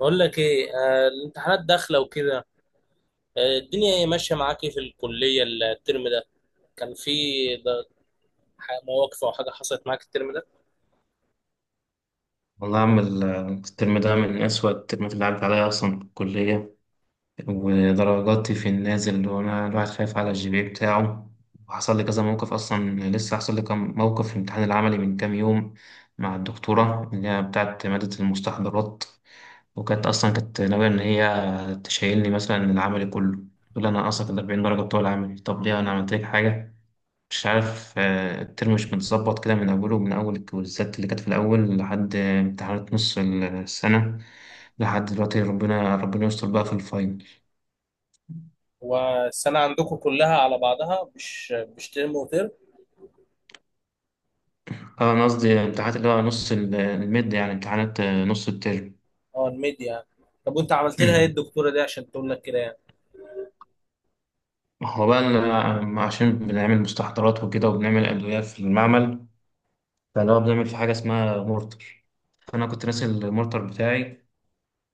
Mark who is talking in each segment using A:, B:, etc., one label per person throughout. A: بقول لك ايه، الامتحانات داخله وكده. آه، الدنيا ايه ماشيه معاك؟ إيه في الكليه الترم ده؟ كان في ده- مواقف او حاجه حصلت معاك الترم ده؟
B: والله يا عم الترم ده من أسوأ الترمات اللي عدت عليا أصلا في الكلية، ودرجاتي في النازل وأنا الواحد خايف على الجي بي إيه بتاعه. وحصل لي كذا موقف أصلا، لسه حصل لي كم موقف في الامتحان العملي من كام يوم مع الدكتورة اللي هي بتاعت مادة المستحضرات. وكانت أصلا كانت ناوية إن هي تشيلني مثلا العملي كله. تقول لي أنا أصلا كنت 40 درجة بتوع العملي، طب ليه أنا عملت لك حاجة؟ مش عارف. الترم مش متظبط كده من أوله، من أول الكويزات اللي كانت في الأول لحد امتحانات نص السنة، لحد دلوقتي. ربنا يستر بقى في الفاينل.
A: والسنه عندكم كلها على بعضها، مش ترم وترم؟
B: اه أنا قصدي امتحانات اللي هو نص الميد، يعني امتحانات نص الترم.
A: اه الميديا يعني. طب وانت عملت لها ايه
B: أمم.
A: الدكتوره دي عشان تقول لك كده يعني؟
B: هو بقى عشان بنعمل مستحضرات وكده وبنعمل أدوية في المعمل. فاللي هو بنعمل في حاجة اسمها مورتر. فأنا كنت ناسي المورتر بتاعي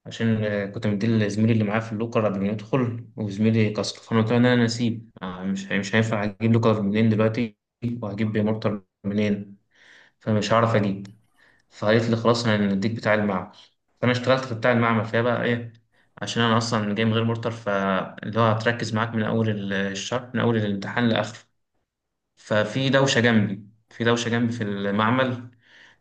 B: عشان كنت مديه لزميلي اللي معاه في اللوكر قبل ما يدخل وزميلي كسر. فانا قلت له إن انا نسيب، مش هينفع اجيب لوكر منين دلوقتي وهجيب مورتر منين، فمش هعرف اجيب. فقالت لي خلاص انا هنديك بتاع المعمل. فانا اشتغلت في بتاع المعمل فيها بقى ايه؟ عشان انا اصلا جاي من غير مورتر، فاللي هو هتركز معاك من اول الشهر، من اول الامتحان لاخره. ففي دوشه جنبي في دوشه جنبي في المعمل،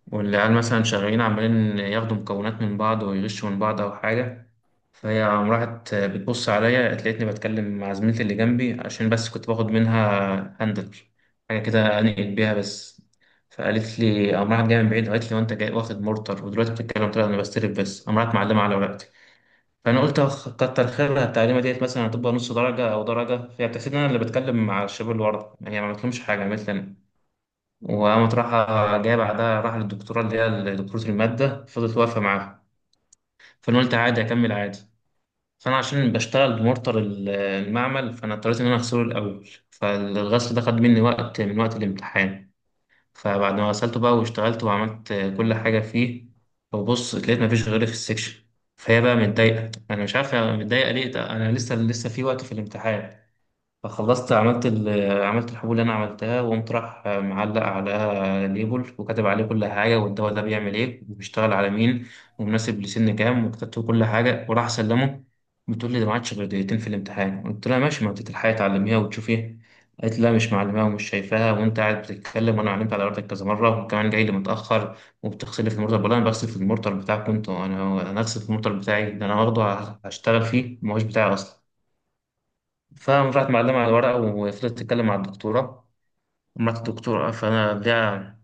B: والعيال مثلا شغالين عمالين ياخدوا مكونات من بعض ويغشوا من بعض أو حاجة. فهي قام راحت بتبص عليا لقيتني بتكلم مع زميلتي اللي جنبي، عشان بس كنت باخد منها هاندل، حاجة كده أنقل بيها بس. فقالت لي، قام راحت جاية من بعيد قالت لي، وأنت جاي واخد مرتر ودلوقتي بتتكلم؟ طلع أنا بستلف بس. قام راحت معلمة على ورقتي. فأنا قلت أخ كتر خيرها، التعليمة ديت مثلا هتبقى نص درجة أو درجة، فهي بتحسب إن أنا اللي بتكلم مع الشباب اللي ورا، يعني ما عملتلهمش حاجة، عملت لي أنا. وقامت رايحة جاية بعدها، راح للدكتورة اللي هي دكتورة المادة فضلت واقفة معاها. فأنا قلت عادي أكمل عادي. فأنا عشان بشتغل بمورتر المعمل فأنا اضطريت إن أنا أغسله الأول، فالغسل ده خد مني وقت من وقت الامتحان. فبعد ما غسلته بقى واشتغلت وعملت كل حاجة فيه، وبص لقيت مفيش غيري في السكشن. فهي بقى متضايقة، أنا مش عارف هي متضايقة ليه، ده أنا لسه لسه في وقت في الامتحان. فخلصت عملت عملت الحبوب اللي انا عملتها، وقمت راح معلق على ليبل وكاتب عليه كل حاجه، والدواء ده بيعمل ايه وبيشتغل على مين ومناسب لسن كام، وكتبت له كل حاجه وراح اسلمه. بتقول لي ده ما عادش غير دقيقتين في الامتحان، قلت لها ماشي، ما انت تلحقي تعلميها وتشوفيها. قالت لي لا مش معلماها ومش شايفاها وانت قاعد بتتكلم، وانا علمت على ورقتك كذا مره، وكمان جاي لي متاخر وبتغسلي في المرطب، ولا انا بغسل في المرطب بتاعك؟ كنت انا اغسل في المرطب بتاعي، ده انا واخده هشتغل فيه، ما هوش بتاعي اصلا. فقام راحت معلمة على الورقة وفضلت تتكلم مع الدكتورة، مرات الدكتورة. فأنا ليها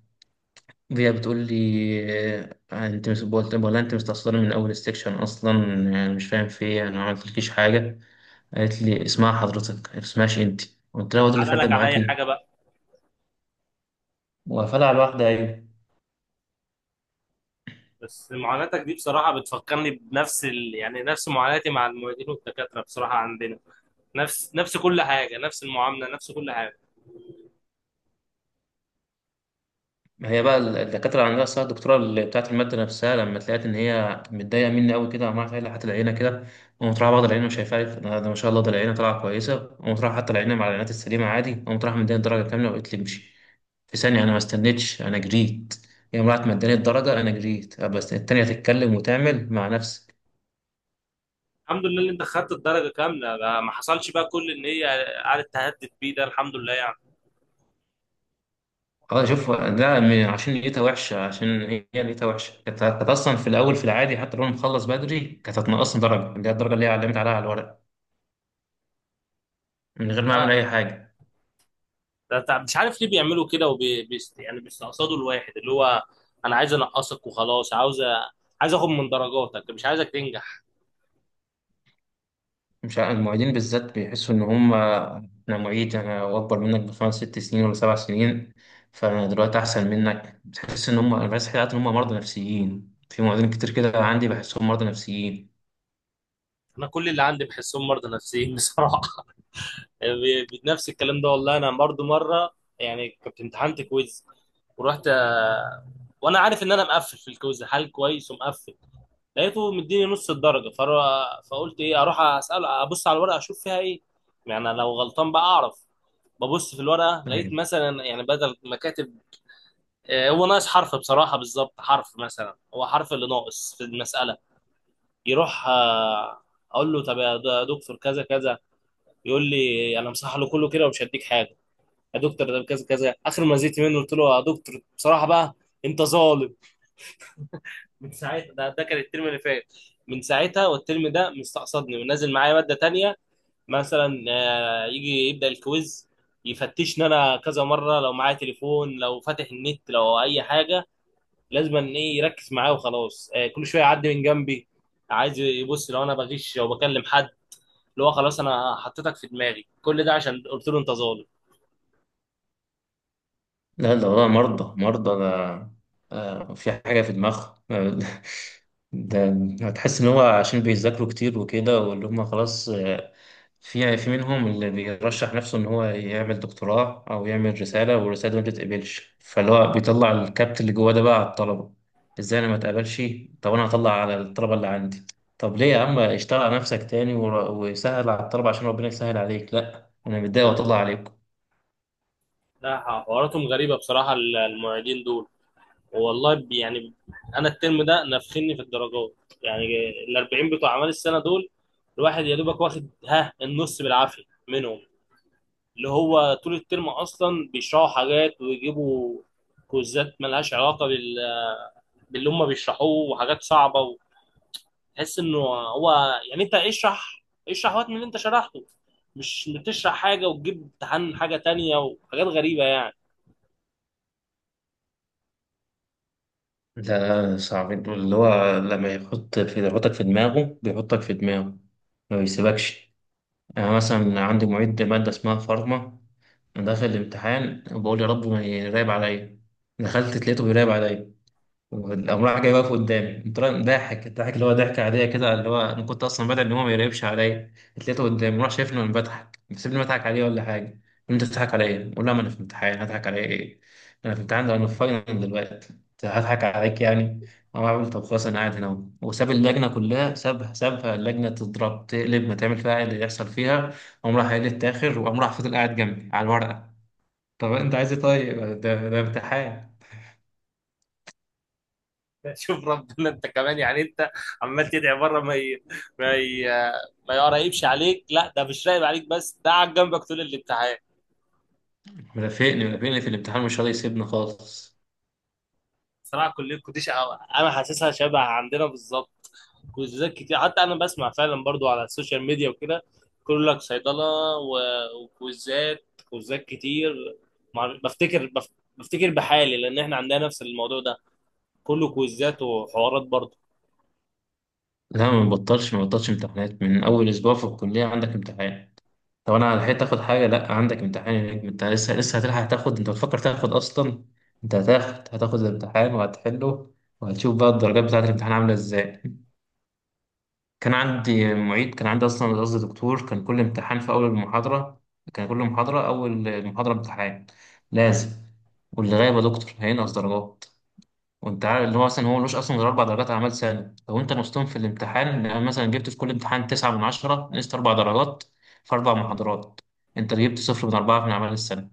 B: ليها بتقول لي أنت مش بقول ولا أنت مستقصداني من أول السكشن أصلا؟ يعني مش فاهم في إيه، أنا ما عملتلكيش حاجة. قالت لي اسمها حضرتك ما اسمهاش أنت. قلت لها هو ده اللي
A: تعالى
B: فرق
A: لك على اي
B: معاكي؟
A: حاجه بقى.
B: وقفلها على الواحدة أيوة.
A: بس معاناتك دي بصراحه بتفكرني بنفس يعني نفس معاناتي مع المعيدين والدكاتره بصراحه عندنا. نفس كل حاجه، نفس المعامله، نفس كل حاجه.
B: ما هي بقى الدكاترة اللي عندها الصيحة، الدكتورة اللي بتاعت المادة نفسها لما تلاقيت إن هي متضايقة مني أوي كده وعمالة تقول لي حتى العينة كده، قمت رايح بعض العينة وشايفها لي، ده ما شاء الله ده العينة طالعة كويسة. قمت رايح حتى العينة مع العينات السليمة عادي، قمت رايح مداني الدرجة كاملة وقلت لي امشي في ثانية. أنا ما استنيتش، أنا جريت. هي راحت مداني الدرجة أنا جريت. بس التانية تتكلم وتعمل مع نفسك.
A: الحمد لله ان انت خدت الدرجه كامله، ده ما حصلش بقى، كل ان هي قعدت تهدد بيه ده الحمد لله يعني.
B: اه شوف ده عشان نيتها وحشة، عشان هي نيتها وحشة. كانت كانت أصلا في الأول في العادي حتى لو أنا مخلص بدري كانت هتنقصني درجة، اللي هي الدرجة اللي هي علمت عليها على الورق من غير ما
A: آه.
B: اعمل اي حاجه.
A: ده مش عارف ليه بيعملوا كده، وبي بي يعني بيستقصدوا الواحد، اللي هو انا عايز انقصك وخلاص، عايز اخد من درجاتك، مش عايزك تنجح.
B: مش المعيدين بالذات بيحسوا ان هم، انا معيد انا اكبر منك بخمس ست سنين ولا 7 سنين، فانا دلوقتي احسن منك. بتحس ان هم، انا بحس حياتي ان هم مرضى نفسيين. في معيدين كتير كده عندي بحسهم مرضى نفسيين.
A: انا كل اللي عندي بحسهم مرضى نفسيين بصراحه. نفس الكلام ده والله. انا برضو مره يعني كنت امتحنت كويز ورحت، وانا عارف ان انا مقفل في الكويز، حال كويس ومقفل. لقيته مديني نص الدرجه، فقلت ايه، اروح اسال ابص على الورقه اشوف فيها ايه، يعني لو غلطان بقى اعرف. ببص في الورقه، لقيت مثلا يعني بدل ما كاتب، هو ناقص حرف بصراحه، بالظبط حرف، مثلا هو حرف اللي ناقص في المساله. يروح، اقول له طب يا دكتور كذا كذا. يقول لي انا مصحح له كله كده ومش هديك حاجه. يا دكتور ده كذا كذا، اخر ما زيت منه قلت له يا دكتور بصراحه بقى انت ظالم. من ساعتها، ده كان الترم اللي فات. من ساعتها والترم ده مستقصدني ونازل معايا ماده تانية. مثلا، آه، يجي يبدا الكويز يفتشني انا كذا مره، لو معايا تليفون، لو فاتح النت، لو اي حاجه. لازم ان ايه يركز معايا وخلاص. آه، كل شويه يعدي من جنبي عايز يبص لو انا بغش او بكلم حد. اللي هو خلاص انا حطيتك في دماغي، كل ده عشان قلت له انت ظالم.
B: لا ده والله مرضى مرضى ده. في حاجة في دماغهم. ده هتحس إن هو عشان بيذاكروا كتير وكده، واللي هم خلاص. في منهم اللي بيرشح نفسه إن هو يعمل دكتوراه أو يعمل رسالة والرسالة دي ما تتقبلش، فاللي هو بيطلع الكبت اللي جواه ده بقى على الطلبة. إزاي أنا ما اتقبلش؟ طب أنا هطلع على الطلبة اللي عندي؟ طب ليه يا عم، اشتغل على نفسك تاني وسهل على الطلبة عشان ربنا يسهل عليك، لا أنا متضايق وأطلع عليكم.
A: لا، حواراتهم غريبه بصراحه المعيدين دول. والله، يعني انا الترم ده نفخني في الدرجات يعني. ال 40 بتوع اعمال السنه دول، الواحد يا دوبك واخد ها النص بالعافيه منهم. اللي هو طول الترم اصلا بيشرحوا حاجات ويجيبوا كوزات ملهاش علاقه باللي هم بيشرحوه، وحاجات صعبه، وتحس انه هو يعني انت اشرح، اشرح وقت من اللي انت شرحته، مش بتشرح حاجه وتجيب امتحان حاجه تانية وحاجات غريبه يعني.
B: لا صعب دول، اللي هو لما يحطك في دماغه، بيحطك في دماغه ما بيسيبكش. يعني أنا مثلا عندي معيد مادة اسمها فارما، أنا داخل الامتحان وبقول يا رب ما يراقب عليا، دخلت لقيته بيراقب عليا. وقام راح جاي واقف قدامي، قمت رايح ضاحك ضحك، اللي هو ضحكة عادية كده، اللي هو أنا كنت أصلا بدأ إن هو ما يقربش عليا. اتلقيته قدامي راح شايفني وأنا بضحك، سيبني بضحك عليه ولا حاجة. أنت بتضحك على إيه؟ بقول له ما أنا في امتحان هضحك على إيه؟ أنا في امتحان، ده أنا في فاينل دلوقتي. أنت هضحك عليك يعني؟ أو أعمل طب خلاص أنا قاعد هنا أهو. وساب اللجنة كلها، سابها سابها اللجنة تضرب تقلب ما تعمل فيها اللي يحصل فيها. قام راح قايل التاخر وقام راح فضل قاعد جنبي على الورقة. طب أنت عايز إيه طيب؟ ده امتحان.
A: شوف ربنا انت كمان يعني، انت عمال تدعي بره ما ي... ما يقريبش عليك، لا ده مش راقب عليك بس، ده قاعد جنبك طول الامتحان.
B: مرافقني مرافقني في الامتحان مش راضي يسيبني خالص.
A: صراحه كليه القديش انا حاسسها شبه عندنا بالظبط، كويزات كتير. حتى انا بسمع فعلا برضو على السوشيال ميديا وكده، كل لك صيدله وكويزات، كتير. مع- بفتكر بف- بفتكر بحالي لان احنا عندنا نفس الموضوع ده، كله كويزات وحوارات برضو.
B: لا ما بطلش ما بطلش امتحانات، من اول اسبوع في الكليه عندك امتحان. طب انا لحقت اخد حاجه؟ لا عندك امتحان يا نجم، انت لسه لسه هتلحق تاخد؟ انت بتفكر تاخد اصلا؟ انت هتاخد هتاخد الامتحان وهتحله، وهتشوف بقى الدرجات بتاعه الامتحان عامله ازاي. كان عندي معيد، كان عندي اصلا قصدي دكتور، كان كل امتحان في اول المحاضره، كان كل محاضره اول محاضره امتحان لازم، واللي غايب يا دكتور هينقص درجات. وانت عارف اللي هو مثلا هو ملوش اصلا غير 4 درجات اعمال سنه، لو انت نصتهم في الامتحان يعني مثلا جبت في كل امتحان 9 من 10 نقصت 4 درجات في 4 محاضرات، انت جبت صفر من 4 من اعمال السنه.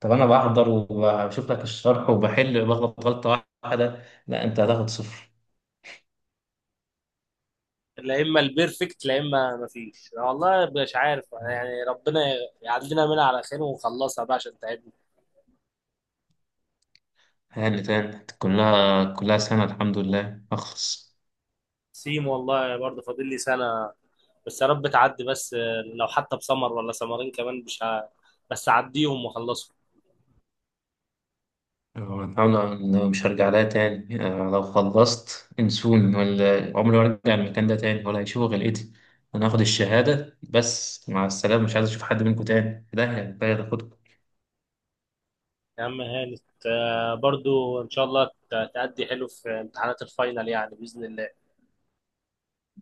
B: طب انا بحضر وبشوف لك الشرح وبحل، بغلط غلطه واحده، لا انت هتاخد صفر.
A: لا اما البيرفكت لا اما مفيش. أنا والله مش عارف، يعني ربنا يعدينا منها على خير ونخلصها بقى عشان تعب.
B: هاني تاني كلها كلها سنه الحمد لله اخلص.
A: سيم والله، برضه فاضل لي سنة، بس يا رب تعدي بس. لو حتى بسمر ولا سمرين كمان مش ه... بس أعديهم وأخلصهم.
B: الحمد لله إنه مش هرجع لها تاني. لو خلصت انسوني، ولا عمري ما هرجع المكان ده تاني ولا هيشوفوا غلقتي. أنا هاخد الشهادة بس مع السلامة، مش عايز أشوف حد منكم تاني، ده يعني، ده هاخدكم.
A: يا عم هانت، آه، برضه إن شاء الله تأدي حلو في امتحانات الفاينل يعني بإذن الله.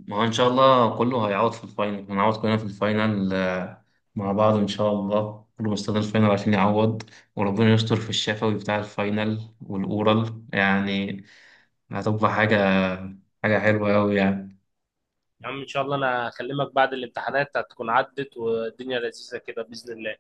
B: ما هو إن شاء الله كله هيعوض في الفاينل، هنعوض كلنا في الفاينل مع بعض إن شاء الله. كله مستني الفاينل عشان يعوض. وربنا يستر في الشفوي بتاع الفاينل والأورال يعني. هتبقى حاجة حلوة أوي يعني.
A: يا عم إن شاء الله أنا هكلمك بعد الامتحانات هتكون عدت والدنيا لذيذة كده بإذن الله.